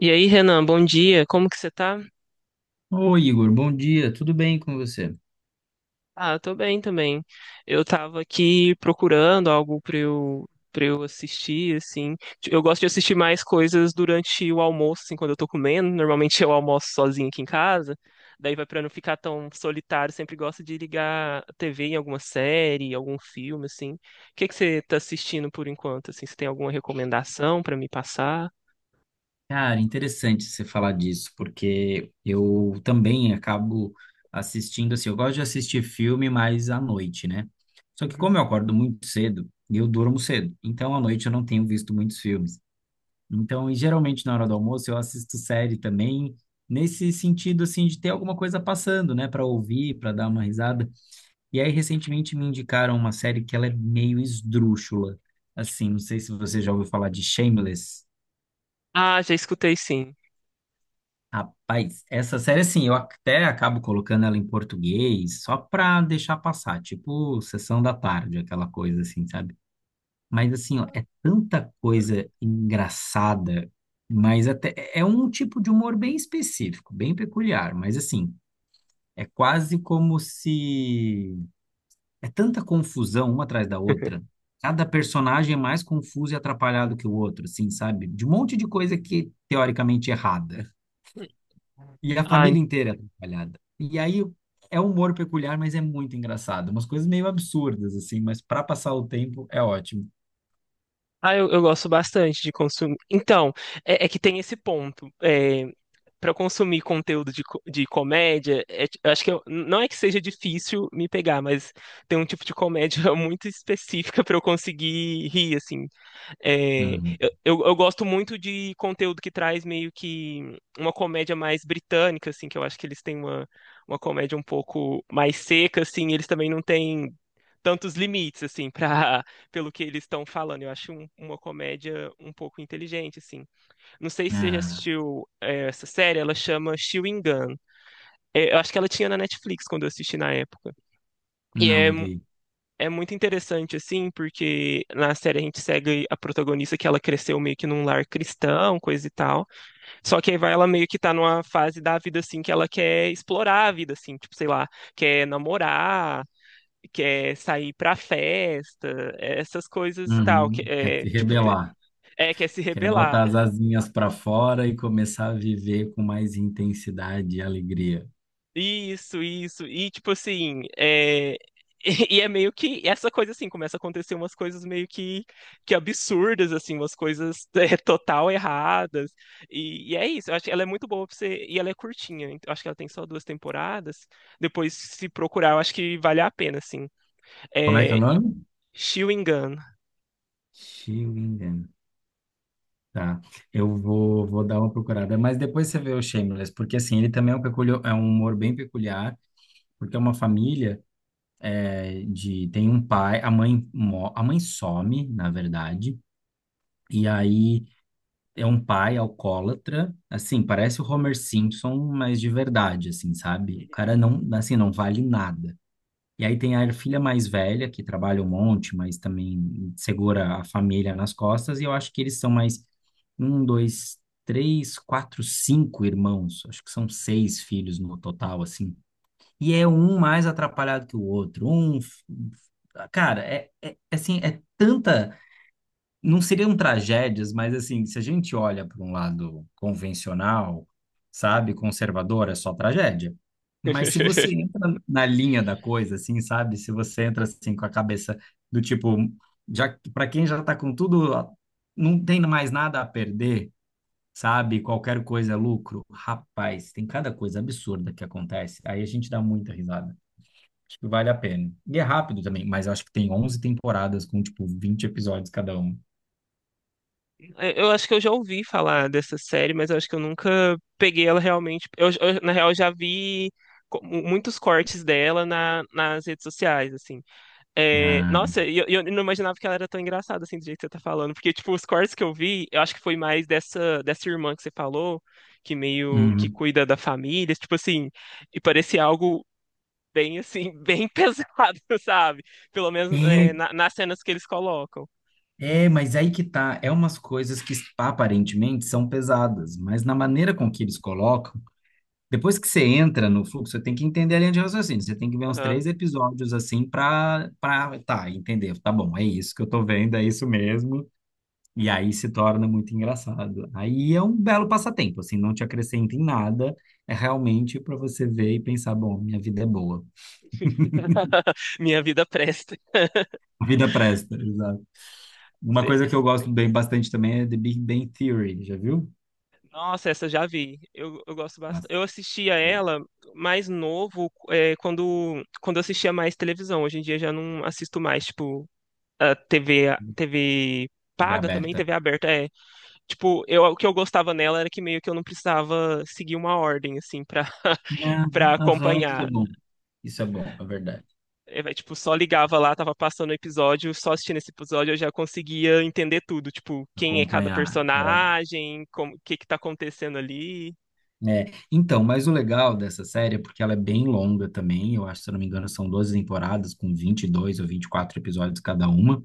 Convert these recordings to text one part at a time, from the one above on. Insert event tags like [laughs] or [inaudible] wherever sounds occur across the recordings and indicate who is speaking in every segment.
Speaker 1: E aí, Renan, bom dia. Como que você tá?
Speaker 2: Oi, Igor, bom dia, tudo bem com você?
Speaker 1: Ah, eu tô bem também. Eu tava aqui procurando algo pra eu assistir, assim. Eu gosto de assistir mais coisas durante o almoço, assim, quando eu tô comendo. Normalmente eu almoço sozinho aqui em casa. Daí vai pra não ficar tão solitário, sempre gosto de ligar a TV em alguma série, algum filme, assim. O que que você tá assistindo por enquanto, assim? Você tem alguma recomendação pra me passar?
Speaker 2: Cara, interessante você falar disso, porque eu também acabo assistindo, assim, eu gosto de assistir filme mais à noite, né? Só que como
Speaker 1: Uhum.
Speaker 2: eu acordo muito cedo, eu durmo cedo, então à noite eu não tenho visto muitos filmes. Então, e geralmente na hora do almoço eu assisto série também, nesse sentido, assim, de ter alguma coisa passando, né, para ouvir, para dar uma risada. E aí, recentemente me indicaram uma série que ela é meio esdrúxula. Assim, não sei se você já ouviu falar de Shameless.
Speaker 1: Ah, já escutei sim.
Speaker 2: Rapaz, essa série, assim, eu até acabo colocando ela em português só pra deixar passar, tipo sessão da tarde, aquela coisa assim, sabe? Mas, assim, ó, é tanta coisa engraçada, mas até é um tipo de humor bem específico, bem peculiar, mas, assim, é quase como se. É tanta confusão uma atrás da outra.
Speaker 1: [laughs]
Speaker 2: Cada personagem é mais confuso e atrapalhado que o outro, assim, sabe? De um monte de coisa que teoricamente é errada. E a
Speaker 1: Ah,
Speaker 2: família inteira é atrapalhada. E aí é um humor peculiar, mas é muito engraçado. Umas coisas meio absurdas, assim, mas para passar o tempo é ótimo.
Speaker 1: Ah, eu gosto bastante de consumir. Então, é que tem esse ponto. É, para consumir conteúdo de comédia, eu acho não é que seja difícil me pegar, mas tem um tipo de comédia [laughs] muito específica para eu conseguir rir, assim. É,
Speaker 2: Uhum.
Speaker 1: eu gosto muito de conteúdo que traz meio que uma comédia mais britânica, assim, que eu acho que eles têm uma comédia um pouco mais seca, assim, eles também não têm tantos limites, assim, pra, [laughs] pelo que eles estão falando. Eu acho uma comédia um pouco inteligente, assim. Não sei se você já
Speaker 2: Ah,
Speaker 1: assistiu essa série, ela chama Chewing Gun. É, eu acho que ela tinha na Netflix quando eu assisti na época. E é,
Speaker 2: não
Speaker 1: mu-
Speaker 2: vi.
Speaker 1: é muito interessante, assim, porque na série a gente segue a protagonista que ela cresceu meio que num lar cristão, coisa e tal. Só que aí vai ela meio que tá numa fase da vida, assim, que ela quer explorar a vida, assim, tipo, sei lá, quer namorar que é sair pra festa, essas coisas e tal, que
Speaker 2: Uhum. Quer
Speaker 1: é,
Speaker 2: se
Speaker 1: tipo,
Speaker 2: rebelar.
Speaker 1: é, quer se
Speaker 2: Quer
Speaker 1: rebelar.
Speaker 2: botar as asinhas para fora e começar a viver com mais intensidade e alegria.
Speaker 1: Isso, e tipo assim, é, [laughs] e é meio que essa coisa assim, começa a acontecer umas coisas meio que absurdas, assim, umas coisas [laughs] é, total erradas. E é isso, eu acho que ela é muito boa pra você. E ela é curtinha, eu acho que ela tem só duas temporadas. Depois, se procurar, eu acho que vale a pena, assim.
Speaker 2: Como é que é
Speaker 1: É,
Speaker 2: o
Speaker 1: e-
Speaker 2: nome?
Speaker 1: Chewing Gun.
Speaker 2: Chewing Gum. Tá, eu vou dar uma procurada, mas depois você vê o Shameless, porque assim, ele também é um humor bem peculiar, porque é uma família, tem um pai, a mãe some, na verdade, e aí é um pai alcoólatra, assim, parece o Homer Simpson, mas de verdade, assim, sabe? O cara não, assim, não vale nada. E aí tem a filha mais velha, que trabalha um monte, mas também segura a família nas costas, e eu acho que eles são mais um, dois, três, quatro, cinco irmãos. Acho que são seis filhos no total, assim. E é um mais atrapalhado que o outro. Cara, é assim, é tanta não seriam tragédias, mas assim, se a gente olha para um lado convencional, sabe, conservador, é só tragédia. Mas se você
Speaker 1: [laughs]
Speaker 2: entra na linha da coisa, assim, sabe, se você entra assim com a cabeça do tipo, já para quem já está com tudo, não tem mais nada a perder, sabe, qualquer coisa é lucro. Rapaz, tem cada coisa absurda que acontece. Aí a gente dá muita risada. Acho que vale a pena. E é rápido também, mas eu acho que tem 11 temporadas com, tipo, 20 episódios cada um.
Speaker 1: É, eu acho que eu já ouvi falar dessa série, mas eu acho que eu nunca peguei ela realmente. Na real, já vi muitos cortes dela nas redes sociais, assim. É,
Speaker 2: Ah.
Speaker 1: nossa, e eu não imaginava que ela era tão engraçada, assim, do jeito que você tá falando. Porque, tipo, os cortes que eu vi, eu acho que foi mais dessa irmã que você falou, que meio que
Speaker 2: Uhum.
Speaker 1: cuida da família, tipo assim, e parecia algo bem, assim, bem [laughs] pesado, sabe? Pelo menos, é,
Speaker 2: É,
Speaker 1: nas cenas que eles colocam.
Speaker 2: é, mas aí que tá. É umas coisas que aparentemente são pesadas, mas na maneira com que eles colocam, depois que você entra no fluxo, você tem que entender a linha de raciocínio. Você tem que ver uns três episódios assim para tá, entender. Tá bom, é isso que eu tô vendo, é isso mesmo. E aí se torna muito engraçado. Aí é um belo passatempo, assim, não te acrescenta em nada. É realmente para você ver e pensar, bom, minha vida é boa.
Speaker 1: [laughs] Minha vida presta.
Speaker 2: A vida presta. Uma
Speaker 1: Cê-
Speaker 2: coisa que eu
Speaker 1: cê-
Speaker 2: gosto bem bastante também é The Big Bang Theory, já viu?
Speaker 1: Nossa, essa já vi. Eu gosto bastante.
Speaker 2: Nossa,
Speaker 1: Eu assistia
Speaker 2: boa.
Speaker 1: ela mais novo, é, quando eu assistia mais televisão. Hoje em dia já não assisto mais, tipo, a TV, TV
Speaker 2: TV
Speaker 1: paga também,
Speaker 2: aberta.
Speaker 1: TV aberta. É, tipo, eu, o que eu gostava nela era que meio que eu não precisava seguir uma ordem, assim, pra, [laughs]
Speaker 2: Ah,
Speaker 1: pra
Speaker 2: aham, isso é
Speaker 1: acompanhar.
Speaker 2: bom. Isso é bom, é verdade.
Speaker 1: É, vai, tipo, só ligava lá, tava passando o episódio, só assistindo esse episódio eu já conseguia entender tudo, tipo, quem é cada
Speaker 2: Acompanhar.
Speaker 1: personagem, como, o que que tá acontecendo ali.
Speaker 2: É. Então, mas o legal dessa série é porque ela é bem longa também. Eu acho, se eu não me engano, são 12 temporadas com 22 ou 24 episódios cada uma.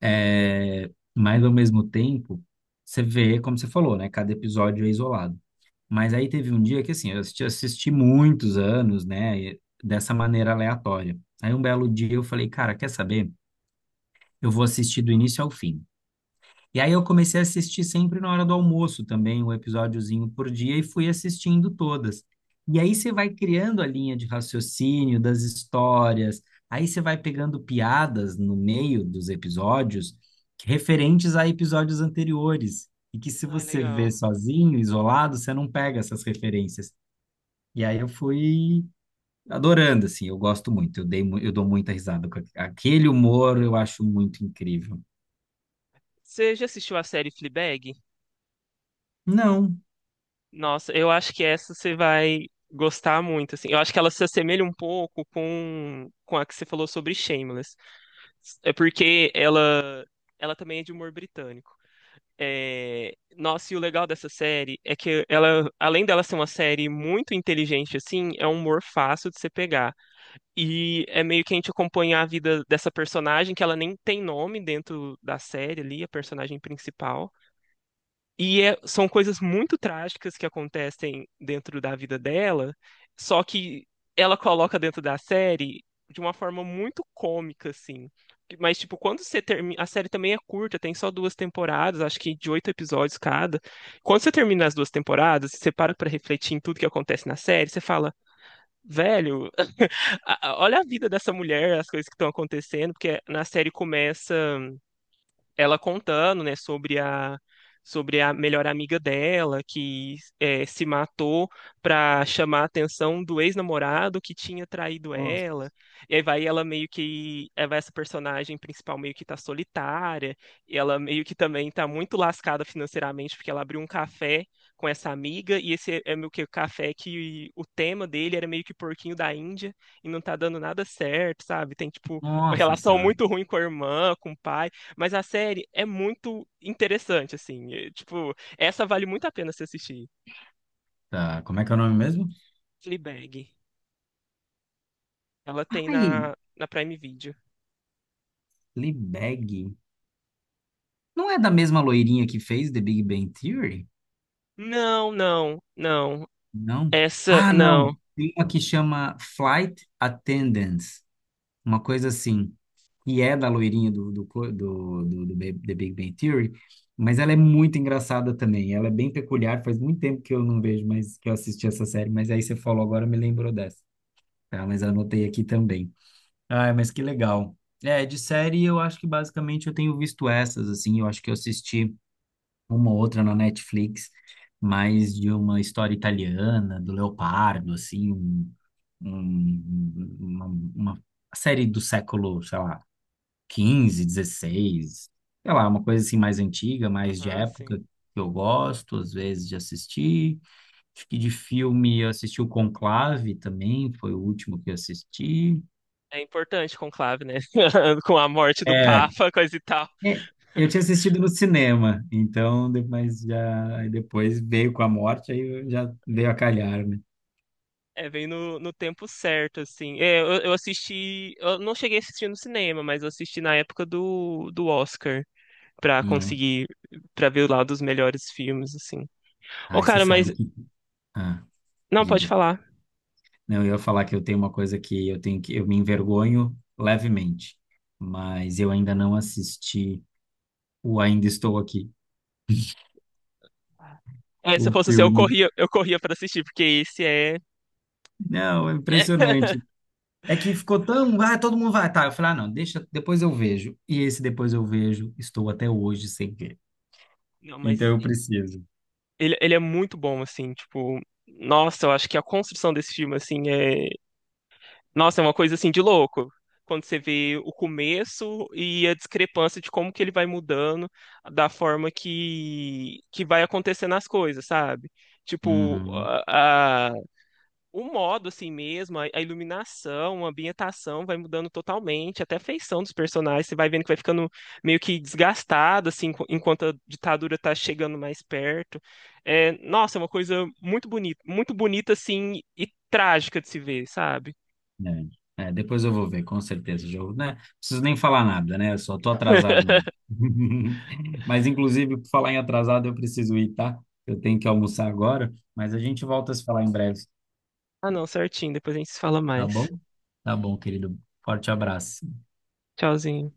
Speaker 2: É. Mas, ao mesmo tempo, você vê, como você falou, né? Cada episódio é isolado. Mas aí teve um dia que, assim, eu assisti muitos anos, né, dessa maneira aleatória. Aí um belo dia eu falei, cara, quer saber? Eu vou assistir do início ao fim. E aí eu comecei a assistir sempre na hora do almoço também, um episódiozinho por dia, e fui assistindo todas. E aí você vai criando a linha de raciocínio das histórias, aí você vai pegando piadas no meio dos episódios referentes a episódios anteriores. E que se
Speaker 1: Ah,
Speaker 2: você vê
Speaker 1: legal.
Speaker 2: sozinho, isolado, você não pega essas referências. E aí eu fui adorando, assim, eu gosto muito, eu dou muita risada com aquele humor, eu acho muito incrível.
Speaker 1: Você já assistiu a série Fleabag?
Speaker 2: Não,
Speaker 1: Nossa, eu acho que essa você vai gostar muito, assim. Eu acho que ela se assemelha um pouco com a que você falou sobre Shameless. É porque ela também é de humor britânico. É, nossa, e o legal dessa série é que ela, além dela ser uma série muito inteligente, assim, é um humor fácil de você pegar. E é meio que a gente acompanha a vida dessa personagem, que ela nem tem nome dentro da série ali, a personagem principal. São coisas muito trágicas que acontecem dentro da vida dela, só que ela coloca dentro da série de uma forma muito cômica, assim. Mas, tipo, quando você termina. A série também é curta, tem só duas temporadas, acho que de oito episódios cada. Quando você termina as duas temporadas, você para pra refletir em tudo que acontece na série, você fala, velho, [laughs] olha a vida dessa mulher, as coisas que estão acontecendo, porque na série começa ela contando, né, sobre a melhor amiga dela que é, se matou para chamar a atenção do ex-namorado que tinha traído
Speaker 2: nossa,
Speaker 1: ela. E aí vai ela meio que aí vai essa personagem principal meio que tá solitária, e ela meio que também tá muito lascada financeiramente porque ela abriu um café com essa amiga e esse é meio que o café que o tema dele era meio que porquinho da Índia e não tá dando nada certo, sabe? Tem tipo uma
Speaker 2: nossa
Speaker 1: relação
Speaker 2: senhora.
Speaker 1: muito ruim com a irmã, com o pai mas a série é muito interessante, assim. É, tipo, essa vale muito a pena se assistir.
Speaker 2: Tá, como é que é o nome mesmo?
Speaker 1: Fleabag. Ela tem
Speaker 2: Ai,
Speaker 1: na Prime Video.
Speaker 2: Fleabag. Não é da mesma loirinha que fez The Big Bang Theory?
Speaker 1: Não.
Speaker 2: Não.
Speaker 1: Essa,
Speaker 2: Ah,
Speaker 1: não.
Speaker 2: não. Tem uma que chama Flight Attendants, uma coisa assim. Que é da loirinha do The Big Bang Theory, mas ela é muito engraçada também. Ela é bem peculiar, faz muito tempo que eu não vejo mais que eu assisti essa série, mas aí você falou agora, me lembrou dessa. Tá, mas anotei aqui também. Ah, mas que legal. É, de série eu acho que basicamente eu tenho visto essas, assim, eu acho que eu assisti uma ou outra na Netflix, mais de uma história italiana, do Leopardo, assim, um- uma, uma série do século, sei lá, 15, 16, sei lá, uma coisa assim mais antiga, mais de
Speaker 1: Aham,
Speaker 2: época,
Speaker 1: sim.
Speaker 2: que eu gosto às vezes de assistir. Acho que de filme eu assisti o Conclave também, foi o último que eu assisti.
Speaker 1: É importante conclave, né? [laughs] Com a morte do
Speaker 2: É,
Speaker 1: Papa, coisa e tal.
Speaker 2: é,
Speaker 1: [laughs]
Speaker 2: eu tinha assistido no cinema, então depois já aí depois veio com a morte, aí eu já veio a calhar, né?
Speaker 1: É, vem no tempo certo, assim. Eu assisti. Eu não cheguei a assistir no cinema, mas eu assisti na época do Oscar, pra
Speaker 2: Não.
Speaker 1: conseguir, pra ver lá dos melhores filmes, assim. Ô,
Speaker 2: Aí você
Speaker 1: cara,
Speaker 2: sabe
Speaker 1: mas.
Speaker 2: que. Ah,
Speaker 1: Não, pode
Speaker 2: diga.
Speaker 1: falar.
Speaker 2: Não, eu ia falar que eu tenho uma coisa que eu tenho que eu me envergonho levemente, mas eu ainda não assisti o Ainda Estou Aqui,
Speaker 1: É, se eu
Speaker 2: o
Speaker 1: fosse você,
Speaker 2: filme.
Speaker 1: eu corria para assistir, porque esse é.
Speaker 2: Não, é
Speaker 1: [laughs]
Speaker 2: impressionante. É que ficou tão. Ah, todo mundo vai. Tá, eu falei, ah, não, deixa, depois eu vejo. E esse depois eu vejo, estou até hoje sem ver.
Speaker 1: Não,
Speaker 2: Então
Speaker 1: mas
Speaker 2: eu preciso.
Speaker 1: ele é muito bom, assim, tipo. Nossa, eu acho que a construção desse filme, assim, é. Nossa, é uma coisa, assim, de louco. Quando você vê o começo e a discrepância de como que ele vai mudando, da forma que vai acontecendo as coisas, sabe? Tipo,
Speaker 2: Uhum,
Speaker 1: o modo, assim mesmo, a iluminação, a ambientação vai mudando totalmente, até a feição dos personagens, você vai vendo que vai ficando meio que desgastado, assim, enquanto a ditadura tá chegando mais perto. É, nossa, é uma coisa muito bonita, assim, e trágica de se ver, sabe?
Speaker 2: é. É, depois eu vou ver, com certeza. Já, né? Preciso nem falar nada, né? Eu só tô atrasado
Speaker 1: [laughs]
Speaker 2: mesmo. [laughs] Mas, inclusive, por falar em atrasado, eu preciso ir, tá? Eu tenho que almoçar agora, mas a gente volta a se falar em breve,
Speaker 1: Ah, não, certinho, depois a gente se fala
Speaker 2: tá
Speaker 1: mais.
Speaker 2: bom? Tá bom, querido. Forte abraço.
Speaker 1: Tchauzinho.